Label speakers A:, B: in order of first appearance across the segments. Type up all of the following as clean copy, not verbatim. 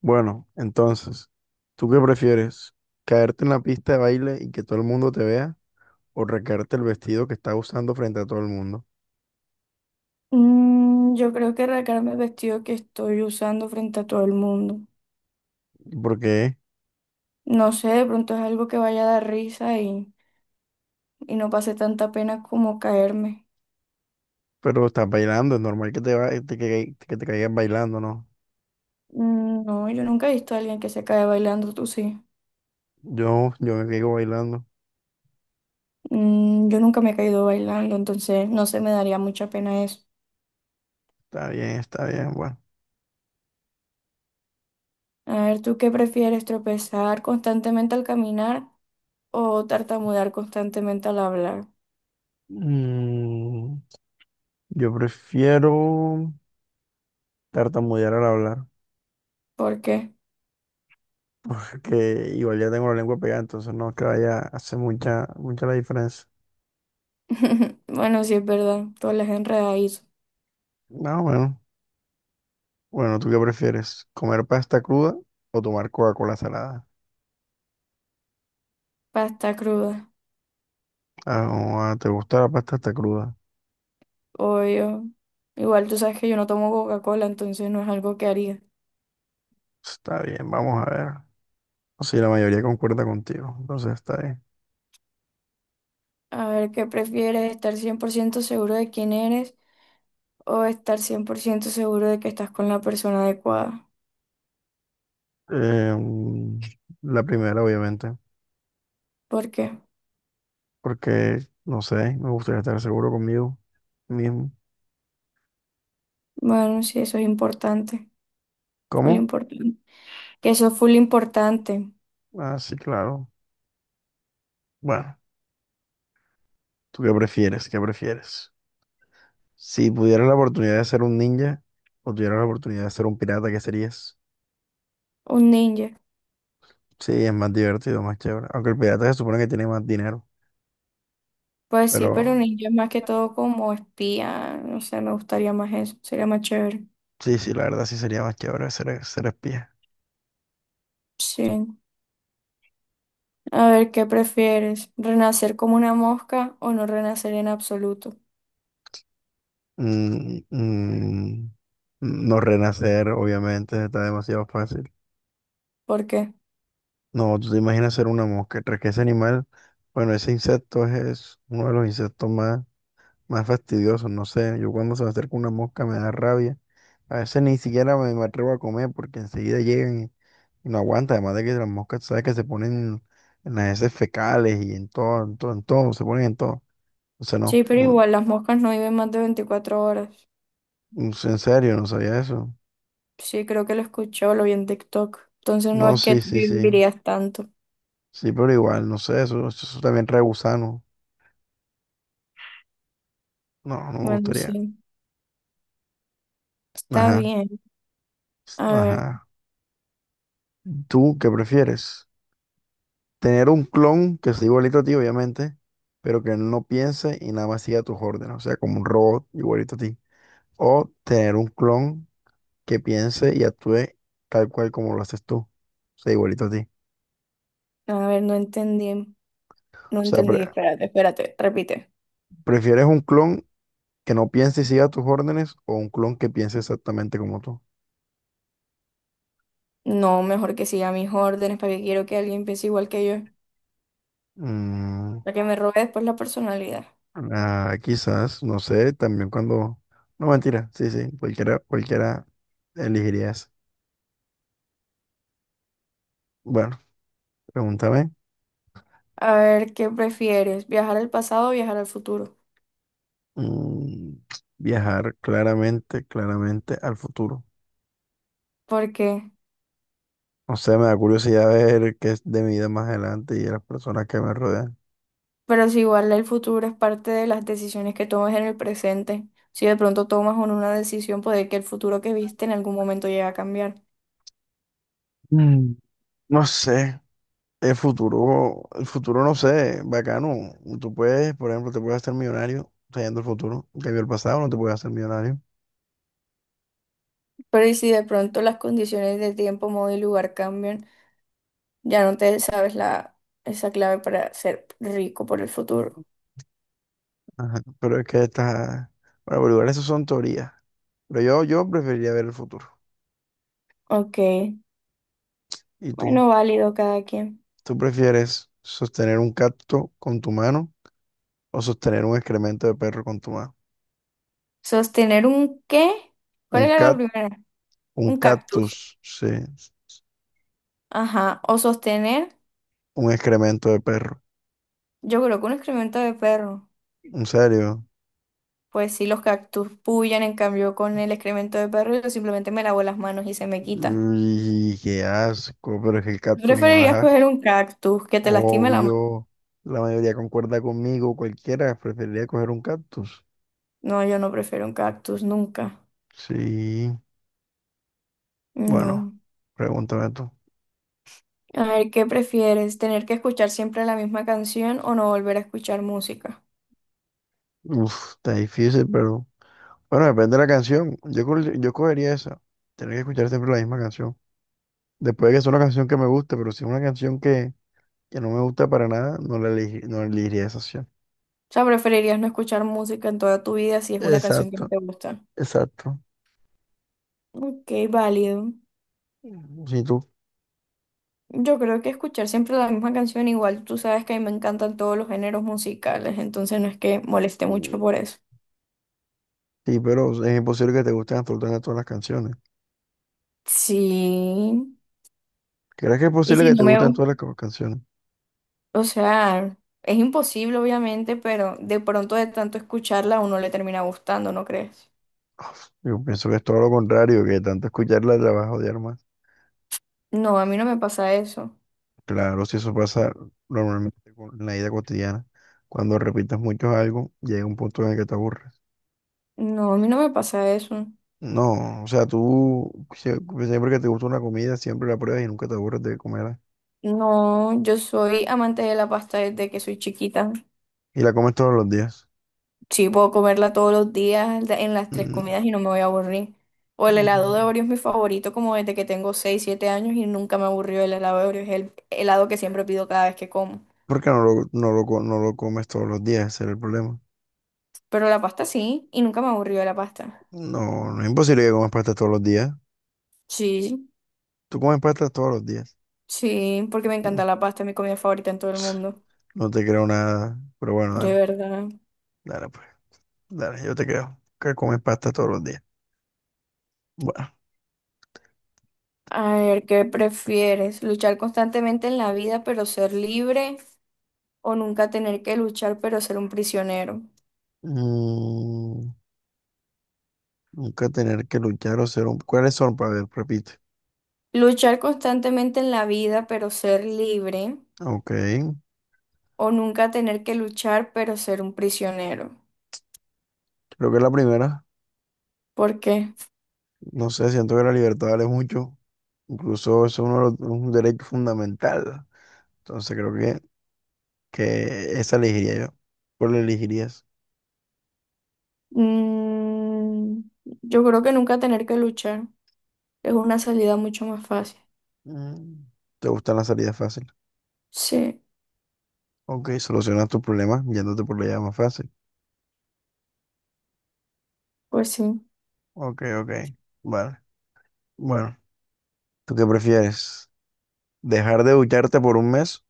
A: Bueno, entonces, ¿tú qué prefieres? ¿Caerte en la pista de baile y que todo el mundo te vea? ¿O recaerte el vestido que estás usando frente a todo el mundo?
B: Yo creo que arrancarme el vestido que estoy usando frente a todo el mundo.
A: ¿Y ¿por qué?
B: No sé, de pronto es algo que vaya a dar risa y no pase tanta pena como caerme.
A: Pero estás bailando, es normal que te caigas bailando, ¿no?
B: No, yo nunca he visto a alguien que se cae bailando, tú sí.
A: Yo me caigo bailando.
B: Yo nunca me he caído bailando, entonces no se me daría mucha pena eso.
A: Está bien, bueno.
B: A ver, ¿tú qué prefieres, tropezar constantemente al caminar o tartamudear constantemente al hablar?
A: Mm, yo prefiero tartamudear al hablar,
B: ¿Por qué?
A: porque igual ya tengo la lengua pegada, entonces no es que vaya a hacer mucha, mucha la diferencia.
B: Bueno, sí es verdad, todas las enredadizas,
A: No, bueno. Bueno, ¿tú qué prefieres? ¿Comer pasta cruda o tomar Coca-Cola salada?
B: pasta cruda.
A: Ah, ah, ¿te gusta la pasta hasta cruda?
B: Obvio. Igual tú sabes que yo no tomo Coca-Cola, entonces no es algo que haría.
A: Está bien, vamos a ver. Sí, la mayoría concuerda contigo, entonces está bien.
B: A ver, ¿qué prefieres? ¿Estar 100% seguro de quién eres o estar 100% seguro de que estás con la persona adecuada?
A: Eh, mm, la primera, obviamente,
B: ¿Por qué?
A: porque, no sé, me gustaría estar seguro conmigo mismo.
B: Bueno, sí, eso es importante. Full
A: ¿Cómo?
B: importante. Que eso es full importante.
A: Ah, sí, claro. Bueno, ¿tú qué prefieres? ¿Qué prefieres? Si pudieras la oportunidad de ser un ninja o tuvieras la oportunidad de ser un pirata, ¿qué serías?
B: Un ninja.
A: Sí, es más divertido, más chévere. Aunque el pirata se supone que tiene más dinero.
B: Pues sí,
A: Pero
B: pero un ninja es más que todo como espía. No sé, me gustaría más eso. Sería más chévere.
A: sí, sí, la verdad sí sería más chévere ser espía.
B: Sí. A ver, ¿qué prefieres? ¿Renacer como una mosca o no renacer en absoluto?
A: Mm, mm, no renacer, obviamente, está demasiado fácil.
B: ¿Por qué?
A: No, tú te imaginas ser una mosca. Tras que ese animal, bueno, ese insecto es uno de los insectos más fastidioso, no sé, yo cuando se me acerca una mosca me da rabia, a veces ni siquiera me atrevo a comer porque enseguida llegan y no aguanta, además de que las moscas, tú sabes que se ponen en las heces fecales y en todo, en todo, en todo, se ponen en todo, o sea, no,
B: Sí, pero
A: no,
B: igual las moscas no viven más de 24 horas.
A: no sé, en serio, no sabía eso,
B: Sí, creo que lo escuchó, lo vi en TikTok. Entonces no
A: no,
B: es
A: sí,
B: que
A: sí, sí,
B: vivirías tanto.
A: sí, pero igual, no sé, eso también trae gusano, no, no me
B: Bueno,
A: gustaría,
B: sí, está
A: ajá,
B: bien. A ver,
A: ajá, ¿tú qué prefieres? Tener un clon que sea igualito a ti, obviamente, pero que él no piense y nada más siga tus órdenes, o sea, como un robot igualito a ti. O tener un clon que piense y actúe tal cual como lo haces tú, o sea, igualito a ti.
B: a ver, no entendí.
A: O
B: No
A: sea,
B: entendí, espérate, espérate, repite.
A: ¿prefieres un clon que no piense y siga tus órdenes o un clon que piense exactamente como tú?
B: No, mejor que siga mis órdenes para que quiero que alguien piense igual que yo,
A: Mm,
B: para que me robe después la personalidad.
A: ah, quizás, no sé, también cuando... No, mentira, sí, sí, cualquiera, cualquiera elegiría eso. Bueno, pregúntame.
B: A ver, ¿qué prefieres? ¿Viajar al pasado o viajar al futuro?
A: Mm, Viajar claramente, claramente al futuro.
B: Porque
A: No sé, me da curiosidad ver qué es de mi vida más adelante y de las personas que me rodean.
B: pero si igual el futuro es parte de las decisiones que tomas en el presente, si de pronto tomas una decisión, puede que el futuro que viste en algún momento llegue a cambiar.
A: Mm, No sé, el futuro no sé, bacano. Tú puedes, por ejemplo, te puedes hacer millonario trayendo el futuro. En cambio, el pasado no te puedes hacer millonario.
B: Pero y si de pronto las condiciones de tiempo, modo y lugar cambian, ya no te sabes la, esa clave para ser rico por el futuro.
A: Ajá, pero es que estas, bueno, pero igual eso son teorías. Pero yo preferiría ver el futuro.
B: Ok,
A: ¿Y tú?
B: bueno, válido cada quien.
A: ¿Tú prefieres sostener un cacto con tu mano? O sostener un excremento de perro con tu mano.
B: ¿Sostener un qué?
A: Un
B: ¿Cuál era la
A: cat,
B: primera?
A: un
B: Un cactus.
A: cactus, sí.
B: Ajá, o sostener,
A: Un excremento de perro.
B: yo creo que un excremento de perro.
A: ¿En serio?
B: Pues sí, los cactus pullan, en cambio con el excremento de perro yo simplemente me lavo las manos y se me quitan.
A: Y qué asco, pero es que el
B: ¿Tú
A: cactus no
B: preferirías
A: da
B: coger
A: asco.
B: un cactus que te lastime la mano?
A: Obvio, la mayoría concuerda conmigo, cualquiera preferiría coger un cactus.
B: No, yo no prefiero un cactus, nunca.
A: Sí, bueno,
B: No.
A: pregúntame tú.
B: A ver, ¿qué prefieres? ¿Tener que escuchar siempre la misma canción o no volver a escuchar música?
A: Uf, está difícil, pero bueno, depende de la canción. Yo cogería esa. Tener que escuchar siempre la misma canción. Después de que sea una canción que me guste, pero si es una canción que no me gusta para nada, no elegiría esa opción.
B: O sea, ¿preferirías no escuchar música en toda tu vida si es una canción que no
A: Exacto,
B: te gusta?
A: exacto.
B: Ok, válido.
A: Mm, Si tú,
B: Yo creo que escuchar siempre la misma canción, igual tú sabes que a mí me encantan todos los géneros musicales, entonces no es que moleste mucho
A: mm,
B: por eso.
A: Sí, pero es imposible que te gusten absolutamente todas las canciones.
B: Sí,
A: ¿Crees que es
B: y
A: posible
B: si
A: que
B: no
A: te
B: me,
A: gusten todas las canciones?
B: o sea, es imposible obviamente, pero de pronto de tanto escucharla a uno le termina gustando, ¿no crees?
A: Yo pienso que es todo lo contrario, que tanto escucharla te la vas a odiar más.
B: No, a mí no me pasa eso.
A: Claro, si eso pasa normalmente en la vida cotidiana, cuando repitas mucho algo, llega un punto en el que te aburres.
B: No, a mí no me pasa eso.
A: No, o sea, tú siempre que te gusta una comida, siempre la pruebas y nunca te aburres de comerla.
B: No, yo soy amante de la pasta desde que soy chiquita.
A: Y la comes todos los días.
B: Sí, puedo comerla todos los días en las tres comidas
A: Mm.
B: y no me voy a aburrir. O el helado de
A: Mm,
B: Oreo es mi favorito como desde que tengo 6 7 años y nunca me aburrió el helado de Oreo. Es el helado que siempre pido cada vez que como.
A: Porque no lo comes todos los días, ese es el problema.
B: Pero la pasta sí, y nunca me aburrió la pasta.
A: No, no es imposible que comas pasta todos los días.
B: Sí,
A: Tú comes pasta todos los días.
B: sí, porque me
A: Mm,
B: encanta la pasta, es mi comida favorita en todo el
A: ps,
B: mundo.
A: No te creo nada, pero bueno,
B: De
A: dale,
B: verdad.
A: dale pues, dale, yo te creo que comes pasta todos los días. Bueno,
B: A ver, ¿qué prefieres? ¿Luchar constantemente en la vida pero ser libre o nunca tener que luchar pero ser un prisionero?
A: mm, nunca tener que luchar o ser un... ¿Cuáles son? Para ver, repite.
B: ¿Luchar constantemente en la vida pero ser libre
A: Ok, creo
B: o nunca tener que luchar pero ser un prisionero?
A: que la primera,
B: ¿Por qué?
A: no sé, siento que la libertad vale mucho. Incluso es un derecho fundamental. Entonces creo que esa elegiría yo. ¿Cuál elegirías?
B: Mm, yo creo que nunca tener que luchar es una salida mucho más fácil.
A: Mm, ¿te gustan las salidas fáciles?
B: Sí.
A: Ok, solucionas tus problemas yéndote por la vía más fácil.
B: Pues sí.
A: Ok, ok. Vale. Bueno, ¿tú qué prefieres? ¿Dejar de ducharte por un mes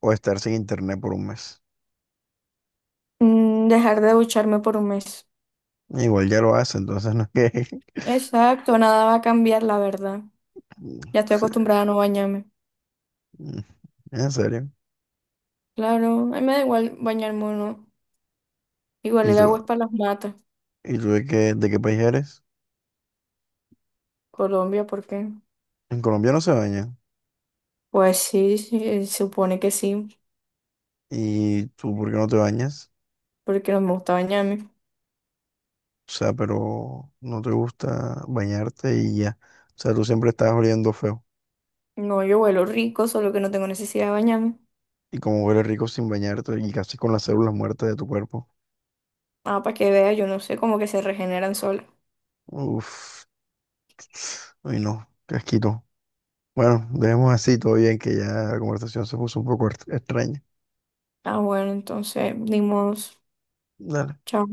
A: o estar sin internet por un mes?
B: Dejar de ducharme por un mes.
A: Igual ya lo hace, entonces no es que...
B: Exacto, nada va a cambiar, la verdad.
A: Mm,
B: Ya estoy
A: sí.
B: acostumbrada a no bañarme.
A: Mm. En serio.
B: Claro, a mí me da igual bañarme o no. Igual
A: ¿Y
B: el
A: tú,
B: agua es para las matas.
A: y tú de qué país eres?
B: Colombia, ¿por qué?
A: En Colombia no se baña.
B: Pues sí, sí, supone que sí,
A: ¿Y tú por qué no te bañas?
B: porque no me gusta bañarme.
A: O sea, pero no te gusta bañarte y ya. O sea, tú siempre estás oliendo feo.
B: No, yo huelo rico, solo que no tengo necesidad de bañarme.
A: Y como hueles rico sin bañarte y casi con las células muertas de tu cuerpo.
B: Ah, para que vea, yo no sé, como que se regeneran solas.
A: Uf. Uy, no. Qué asquito. Bueno, dejemos así todo bien que ya la conversación se puso un poco extraña.
B: Ah, bueno, entonces, dimos.
A: Dale.
B: Chao.